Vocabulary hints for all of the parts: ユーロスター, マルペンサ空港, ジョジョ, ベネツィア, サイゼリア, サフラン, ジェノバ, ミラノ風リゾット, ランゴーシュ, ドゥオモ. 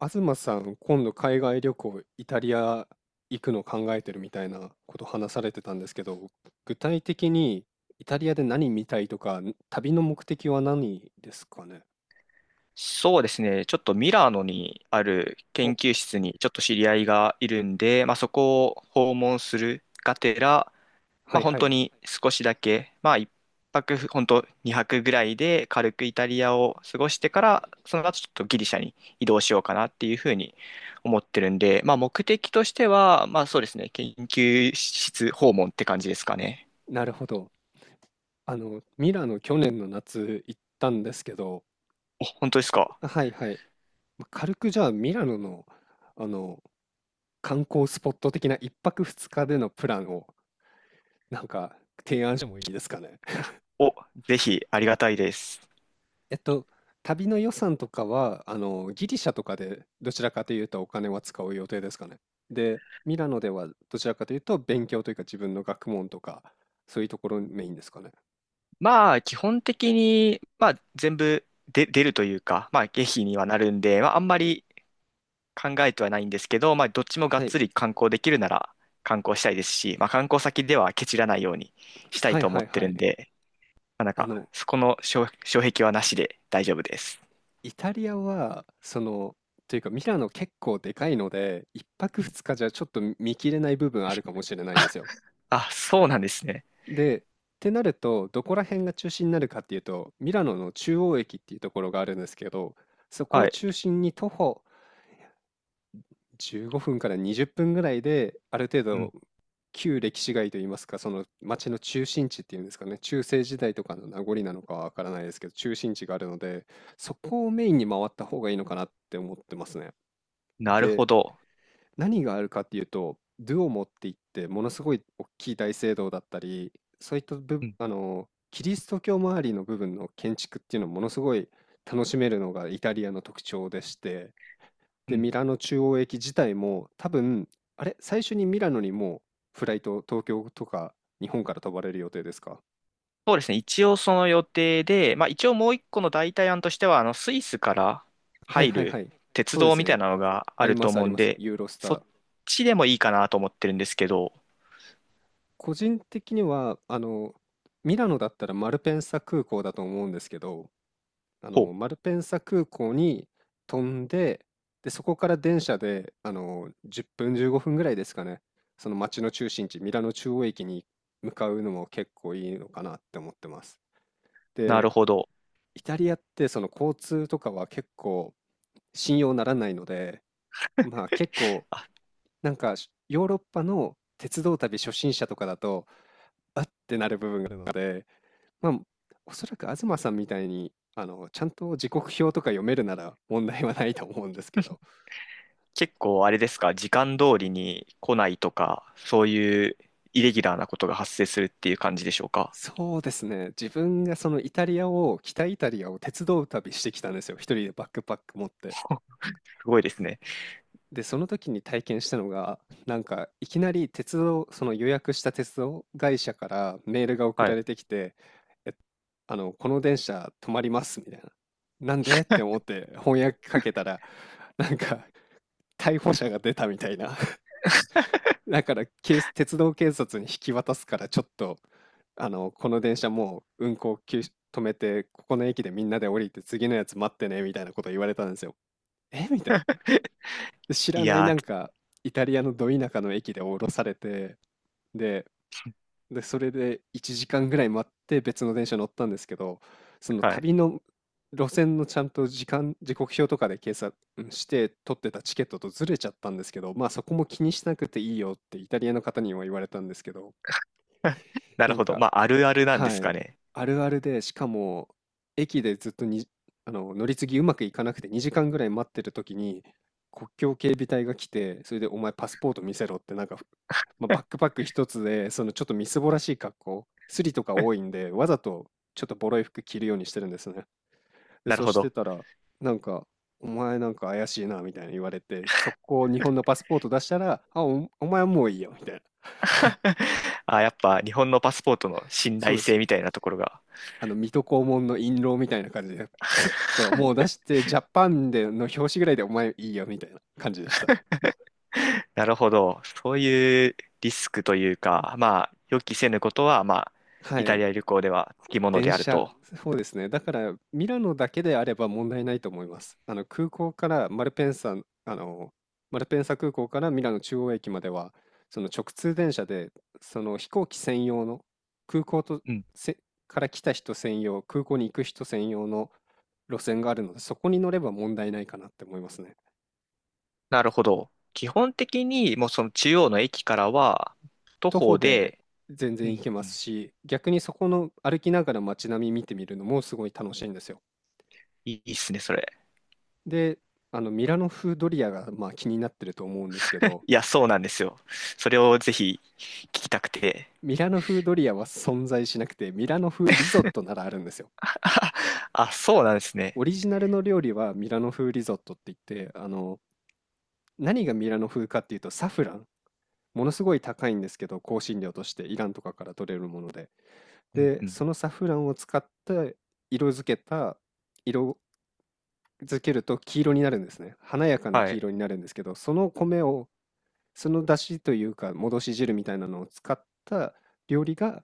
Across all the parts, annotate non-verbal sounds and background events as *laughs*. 東さん、今度海外旅行、イタリア行くの考えてるみたいなこと話されてたんですけど、具体的にイタリアで何見たいとか、旅の目的は何ですかね。そうですね。ちょっとミラノにある研お、究室にちょっと知り合いがいるんで、そこを訪問するがてら、はい本は当い。に少しだけ、一泊、本当2泊ぐらいで軽くイタリアを過ごしてから、その後ちょっとギリシャに移動しようかなっていうふうに思ってるんで、目的としては、そうですね。研究室訪問って感じですかね。なるほど。ミラノ去年の夏行ったんですけど、お、本当ですか。はいはい。軽くじゃあミラノの、あの、観光スポット的な一泊二日でのプランをなんか提案してもいいですかね。お、ぜひありがたいです。えっと、旅の予算とかは、ギリシャとかでどちらかというとお金は使う予定ですかね。で、ミラノではどちらかというと勉強というか自分の学問とか、そういうところメインですかね。基本的に、全部で出るというか、経費にはなるんで、あんまり考えてはないんですけど、どっちもがっはい。つり観光できるなら観光したいですし、観光先ではケチらないようにしたいはいと思はっいてはるんい。で、あの、そこの障、障壁はなしで大丈夫です。イタリアは、というかミラノ結構でかいので、一泊二日じゃちょっと見切れない部分あるかもしれないんですよ。あ、そうなんですね。で、ってなると、どこら辺が中心になるかっていうと、ミラノの中央駅っていうところがあるんですけど、そこはをい。中心に徒歩15分から20分ぐらいで、ある程う度、ん。旧歴史街といいますか、その街の中心地っていうんですかね、中世時代とかの名残なのかはわからないですけど、中心地があるので、そこをメインに回った方がいいのかなって思ってますね。なるほで、ど。何があるかっていうと、ドゥオモっていって、ものすごい大きい大聖堂だったり、そういった部、うんあの、キリスト教周りの部分の建築っていうのをものすごい楽しめるのがイタリアの特徴でして、うで、ん。ミラノ中央駅自体も多分、あれ、最初にミラノにもフライト、東京とか日本から飛ばれる予定ですか。そうですね。一応その予定で、まあ一応もう一個の代替案としては、スイスからはい入はいはるい。鉄そうで道すみたね。いなのがあありるまとすあ思うりんます。で、ユーロスタそっー。ちでもいいかなと思ってるんですけど、個人的には、ミラノだったらマルペンサ空港だと思うんですけど、ほマう、ルペンサ空港に飛んで、で、そこから電車で、10分、15分ぐらいですかね、その街の中心地、ミラノ中央駅に向かうのも結構いいのかなって思ってます。なるほど。イタリアって、その交通とかは結構信用ならないので、まあ結構、なんかしヨーロッパの鉄道旅初心者とかだと、あってなる部分があるので、まあ、おそらく東さんみたいに、ちゃんと時刻表とか読めるなら問題はないと思うんですけど、結構あれですか、時間通りに来ないとか、そういうイレギュラーなことが発生するっていう感じでしょうか。そうですね、自分がそのイタリアを、北イタリアを鉄道旅してきたんですよ、一人でバックパック持って。すごいですね。で、その時に体験したのが、いきなり鉄道、その予約した鉄道会社からメールが送はらい。れてきて、え、あの、この電車止まります、みたいな。なんでって思って翻訳かけたら、なんか、逮捕者が出たみたいな。だから、鉄道警察に引き渡すから、ちょっと、この電車もう運行休止止めて、ここの駅でみんなで降りて次のやつ待ってね、みたいなこと言われたんですよ。えみたいな。で知らいないやなんー、か、イタリアのど田舎の駅で降ろされて、で、で、それで1時間ぐらい待って別の電車乗ったんですけど、そのはい。旅の路線のちゃんと時間、時刻表とかで計算して取ってたチケットとずれちゃったんですけど、まあそこも気にしなくていいよってイタリアの方にも言われたんですけど、*laughs* ななるんほど。かまああるあるなんではすかい。ね。あるあるで、しかも、駅でずっとに、あの、乗り継ぎうまくいかなくて2時間ぐらい待ってる時に、国境警備隊が来て、それでお前パスポート見せろって、まあ、バックパック一つで、そのちょっとみすぼらしい格好、スリとか多いん *laughs* で、わざとちょっとボロい服着るようにしてるんですね。で、なるそうほしてど。たら、なんか、お前なんか怪しいなみたいに言われて、速攻日本のパスポート出したら、あ、お前はもういいよみたいな。*laughs* あ、やっぱ日本のパスポートの信そう頼です。性みたいなところが。水戸黄門の印籠みたいな感じで、スッともう出して、ジャパンでの表紙ぐらいでお前いいよみたいな感じでした。なるほど。そういうリスクというか、予期せぬことは、はイタい。リア旅行ではつきもの電である車、と。そうですね。だから、ミラノだけであれば問題ないと思います。あの、空港からマルペンサ、あの、マルペンサ空港からミラノ中央駅までは、その直通電車で、その飛行機専用の、空港とうん。せから来た人専用、空港に行く人専用の路線があるので、そこに乗れば問題ないかなって思いますね。なるほど。基本的に、もうその中央の駅からは、徒徒歩歩でで、全う然行んけうますん。し、逆にそこの歩きながら街並み見てみるのもすごい楽しいんですよ。いいいいっすね、それ。で、あのミラノ風ドリアがまあ気になってると思うんですけど、いや、そうなんですよ。それをぜひ聞きたくて。ミラノ風ドリアは存在しなくて、ミラノ風リゾットならあるんですよ。*laughs* あ、そうなんですね。オリジナルの料理はミラノ風リゾットって言って、何がミラノ風かっていうとサフラン。ものすごい高いんですけど、香辛料としてイランとかから取れるもので。うんで、うん。そのサフランを使って色付けた色漬けると黄色になるんですね。華やかなは黄い。色になるんですけど、その米を、その出汁というか、戻し汁みたいなのを使った料理が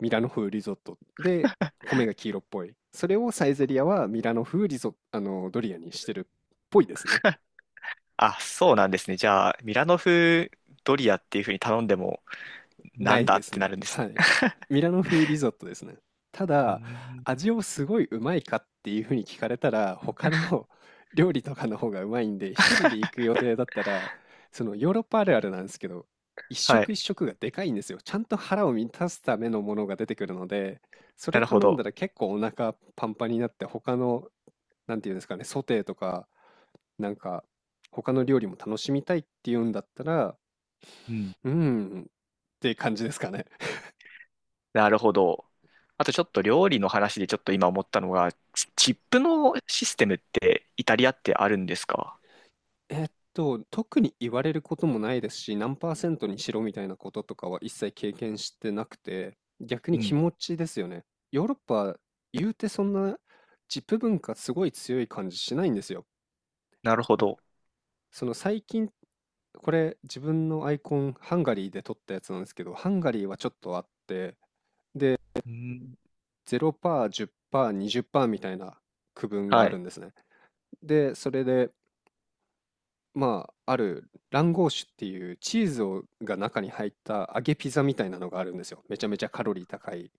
ミラノ風リゾットで、米が黄色っぽい。それをサイゼリアはミラノ風リゾ、あの、ドリアにしてるっぽいですね。あ、そうなんですね。じゃあ、ミラノ風ドリアっていう風に頼んでも、ななんいだでっすてなね。るんですはね。い。ミラノ風リゾットですね。たうだ、ーん。味をすごいうまいかっていうふうに聞かれたら、他の *laughs* 料理とかの方がうまいんで、一人で行く *laughs* 予定だったら、そのヨーロッパあるあるなんですけど、一は食い。一食がでかいんですよ。ちゃんと腹を満たすためのものが出てくるので、そなれるほ頼んだど。ら結構お腹パンパンになって、他の、なんていうんですかね、ソテーとか、なんか、他の料理も楽しみたいっていうんだったら、うん。うーんって感じですかね。なるほど。あとちょっと料理の話でちょっと今思ったのが、チップのシステムってイタリアってあるんですか？えっ特に言われることもないですし、何パーセントにしろみたいなこととかは一切経験してなくて、逆うに気ん。持ちですよね。ヨーロッパ、言うてそんなチップ文化すごい強い感じしないんですよ。なるほなんかど。その最近、これ自分のアイコン、ハンガリーで撮ったやつなんですけど、ハンガリーはちょっとあって、うん。0%、10%、20%みたいな区分がはあい。るんですね。で、それで、まあ、あるランゴーシュっていうチーズを中に入った揚げピザみたいなのがあるんですよ。めちゃめちゃカロリー高い。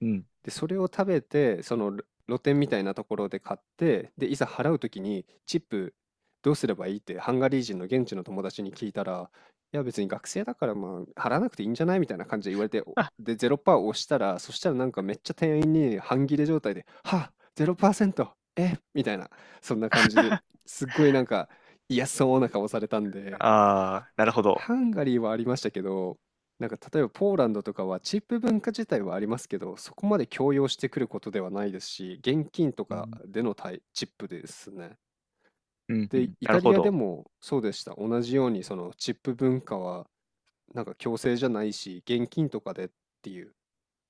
うん。で、それを食べて、露店みたいなところで買って、で、いざ払うときにチップどうすればいいってハンガリー人の現地の友達に聞いたら、いや別に学生だからまあ払わなくていいんじゃないみたいな感じで言われて、あで、0%押したら、そしたらなんかめっちゃ店員に半切れ状態で、はあ、0%、え、みたいな、そんな感じですっごいなんか嫌そうな顔されたんで、あー、なるほど。ハンガリーはありましたけど、なんか例えばポーランドとかはチップ文化自体はありますけど、そこまで強要してくることではないですし、現金とうかん。での対チップですね。うんうで、ん。イなるタほリアでど。もそうでした。同じようにそのチップ文化はなんか強制じゃないし、現金とかでっていう。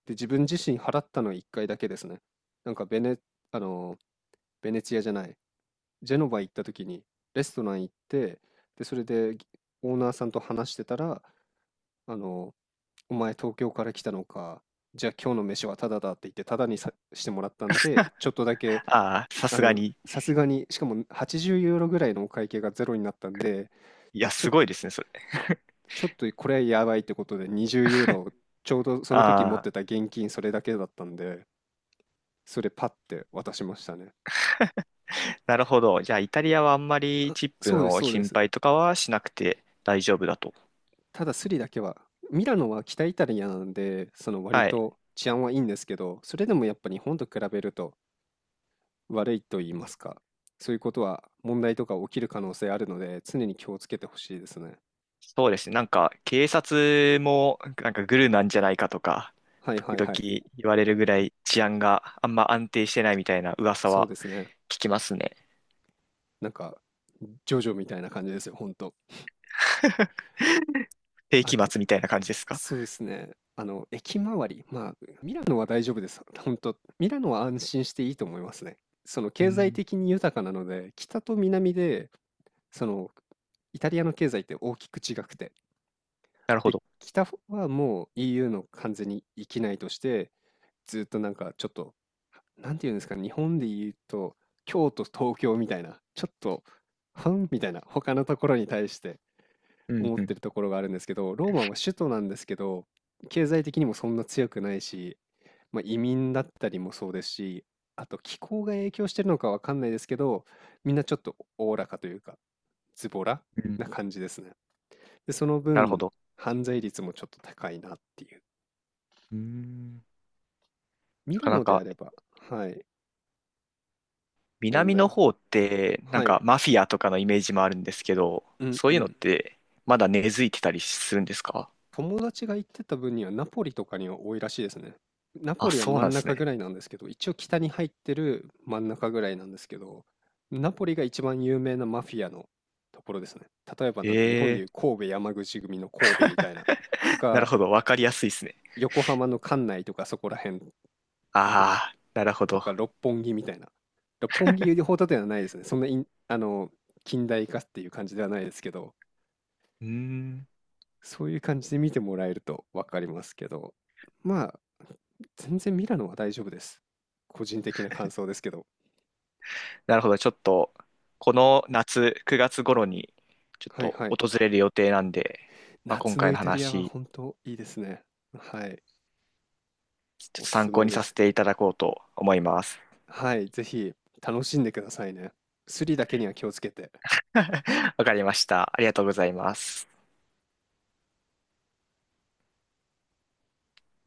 で、自分自身払ったの1回だけですね。なんかベネ、あの、ベネツィアじゃない、ジェノバ行った時にレストラン行って、で、それでオーナーさんと話してたら、あの、お前東京から来たのか、じゃあ今日の飯はタダだって言ってタダにさしてもらったんで、ちょっとだけ、ああ、さあすがの、に。さすがに、しかも80ユーロぐらいのお会計がゼロになったんで、いや、ちょ、すごいですね、それ。*laughs* ちょっとこれはやばいってことで20ユーロ、ちょうどその時持っああ。てた現金それだけだったんで、それパッて渡しましたね。なるほど。じゃあ、イタリアはあんまりチップそうです、のそうで心す。配とかはしなくて大丈夫だと。ただスリだけは、ミラノは北イタリアなんで、その割はい。と治安はいいんですけど、それでもやっぱ日本と比べると悪いと言いうまん。すか、そういうことは問題とか起きる可能性あるので、常に気をつけてほしいですね。そうですね。なんか、警察も、なんかグルなんじゃないかとか、はい時はい々はい。言われるぐらい治安があんま安定してないみたいな噂そうはですね。聞きますね。なんか、ジョジョみたいな感じですよ、ほんと。世あ紀と、末みたいな感じですか？そうですね。駅周り。まあ、ミラノは大丈夫です。ほんと、ミラノは安心していいと思いますね。その、う経済ん。的に豊かなので、北と南で、その、イタリアの経済って大きく違くて。なるほで、ど。北はもう EU の完全に域内として、ずっとなんかちょっとなんていうんですかね、日本で言うと、京都、東京みたいな、ちょっと、ふんみたいな、他のところに対してうん思っうてん。るところがあるんですけど、ローマは首都なんですけど、経済的にもそんな強くないし、まあ、移民だったりもそうですし、あと気候が影響してるのかわかんないですけど、みんなちょっとおおらかというか、ズボラうん。な感じですね。で、そのなるほ分、ど。犯罪率もちょっと高いなっていう。うん。ミなラかなノであかれば、はい、問南題のは、方って、なんはい、かマフィアとかのイメージもあるんですけど、うんそうういうのっん、てまだ根付いてたりするんですか？友達が行ってた分にはナポリとかには多いらしいですね。ナポあ、リはそう真なんんです中ぐね。らいなんですけど、一応北に入ってる真ん中ぐらいなんですけど、ナポリが一番有名なマフィアのところですね。例えばなんか日本えでえ、いう神戸山口組の神戸みたいな、となるかほど。わかりやすいですね。横浜の関内とかそこら辺とか、ああ、なるほとど。か六本木みたいな。六本木ほどではないですね。そんなイン近代化っていう感じではないですけど、うーん。そういう感じで見てもらえると分かりますけど、まあ、全然ミラノは大丈夫です。個人的な感想ですけど。なるほど。ちょっと、この夏、9月頃に、ちょっはいとはい。訪れる予定なんで、まあ、今夏の回イのタリアは話、本当いいですね。はい。ちょっおとす参す考めにでさせす。ていただこうと思います。はい。ぜひ楽しんでくださいね。スリだけには気をつけて。*laughs* わかりました。ありがとうございます。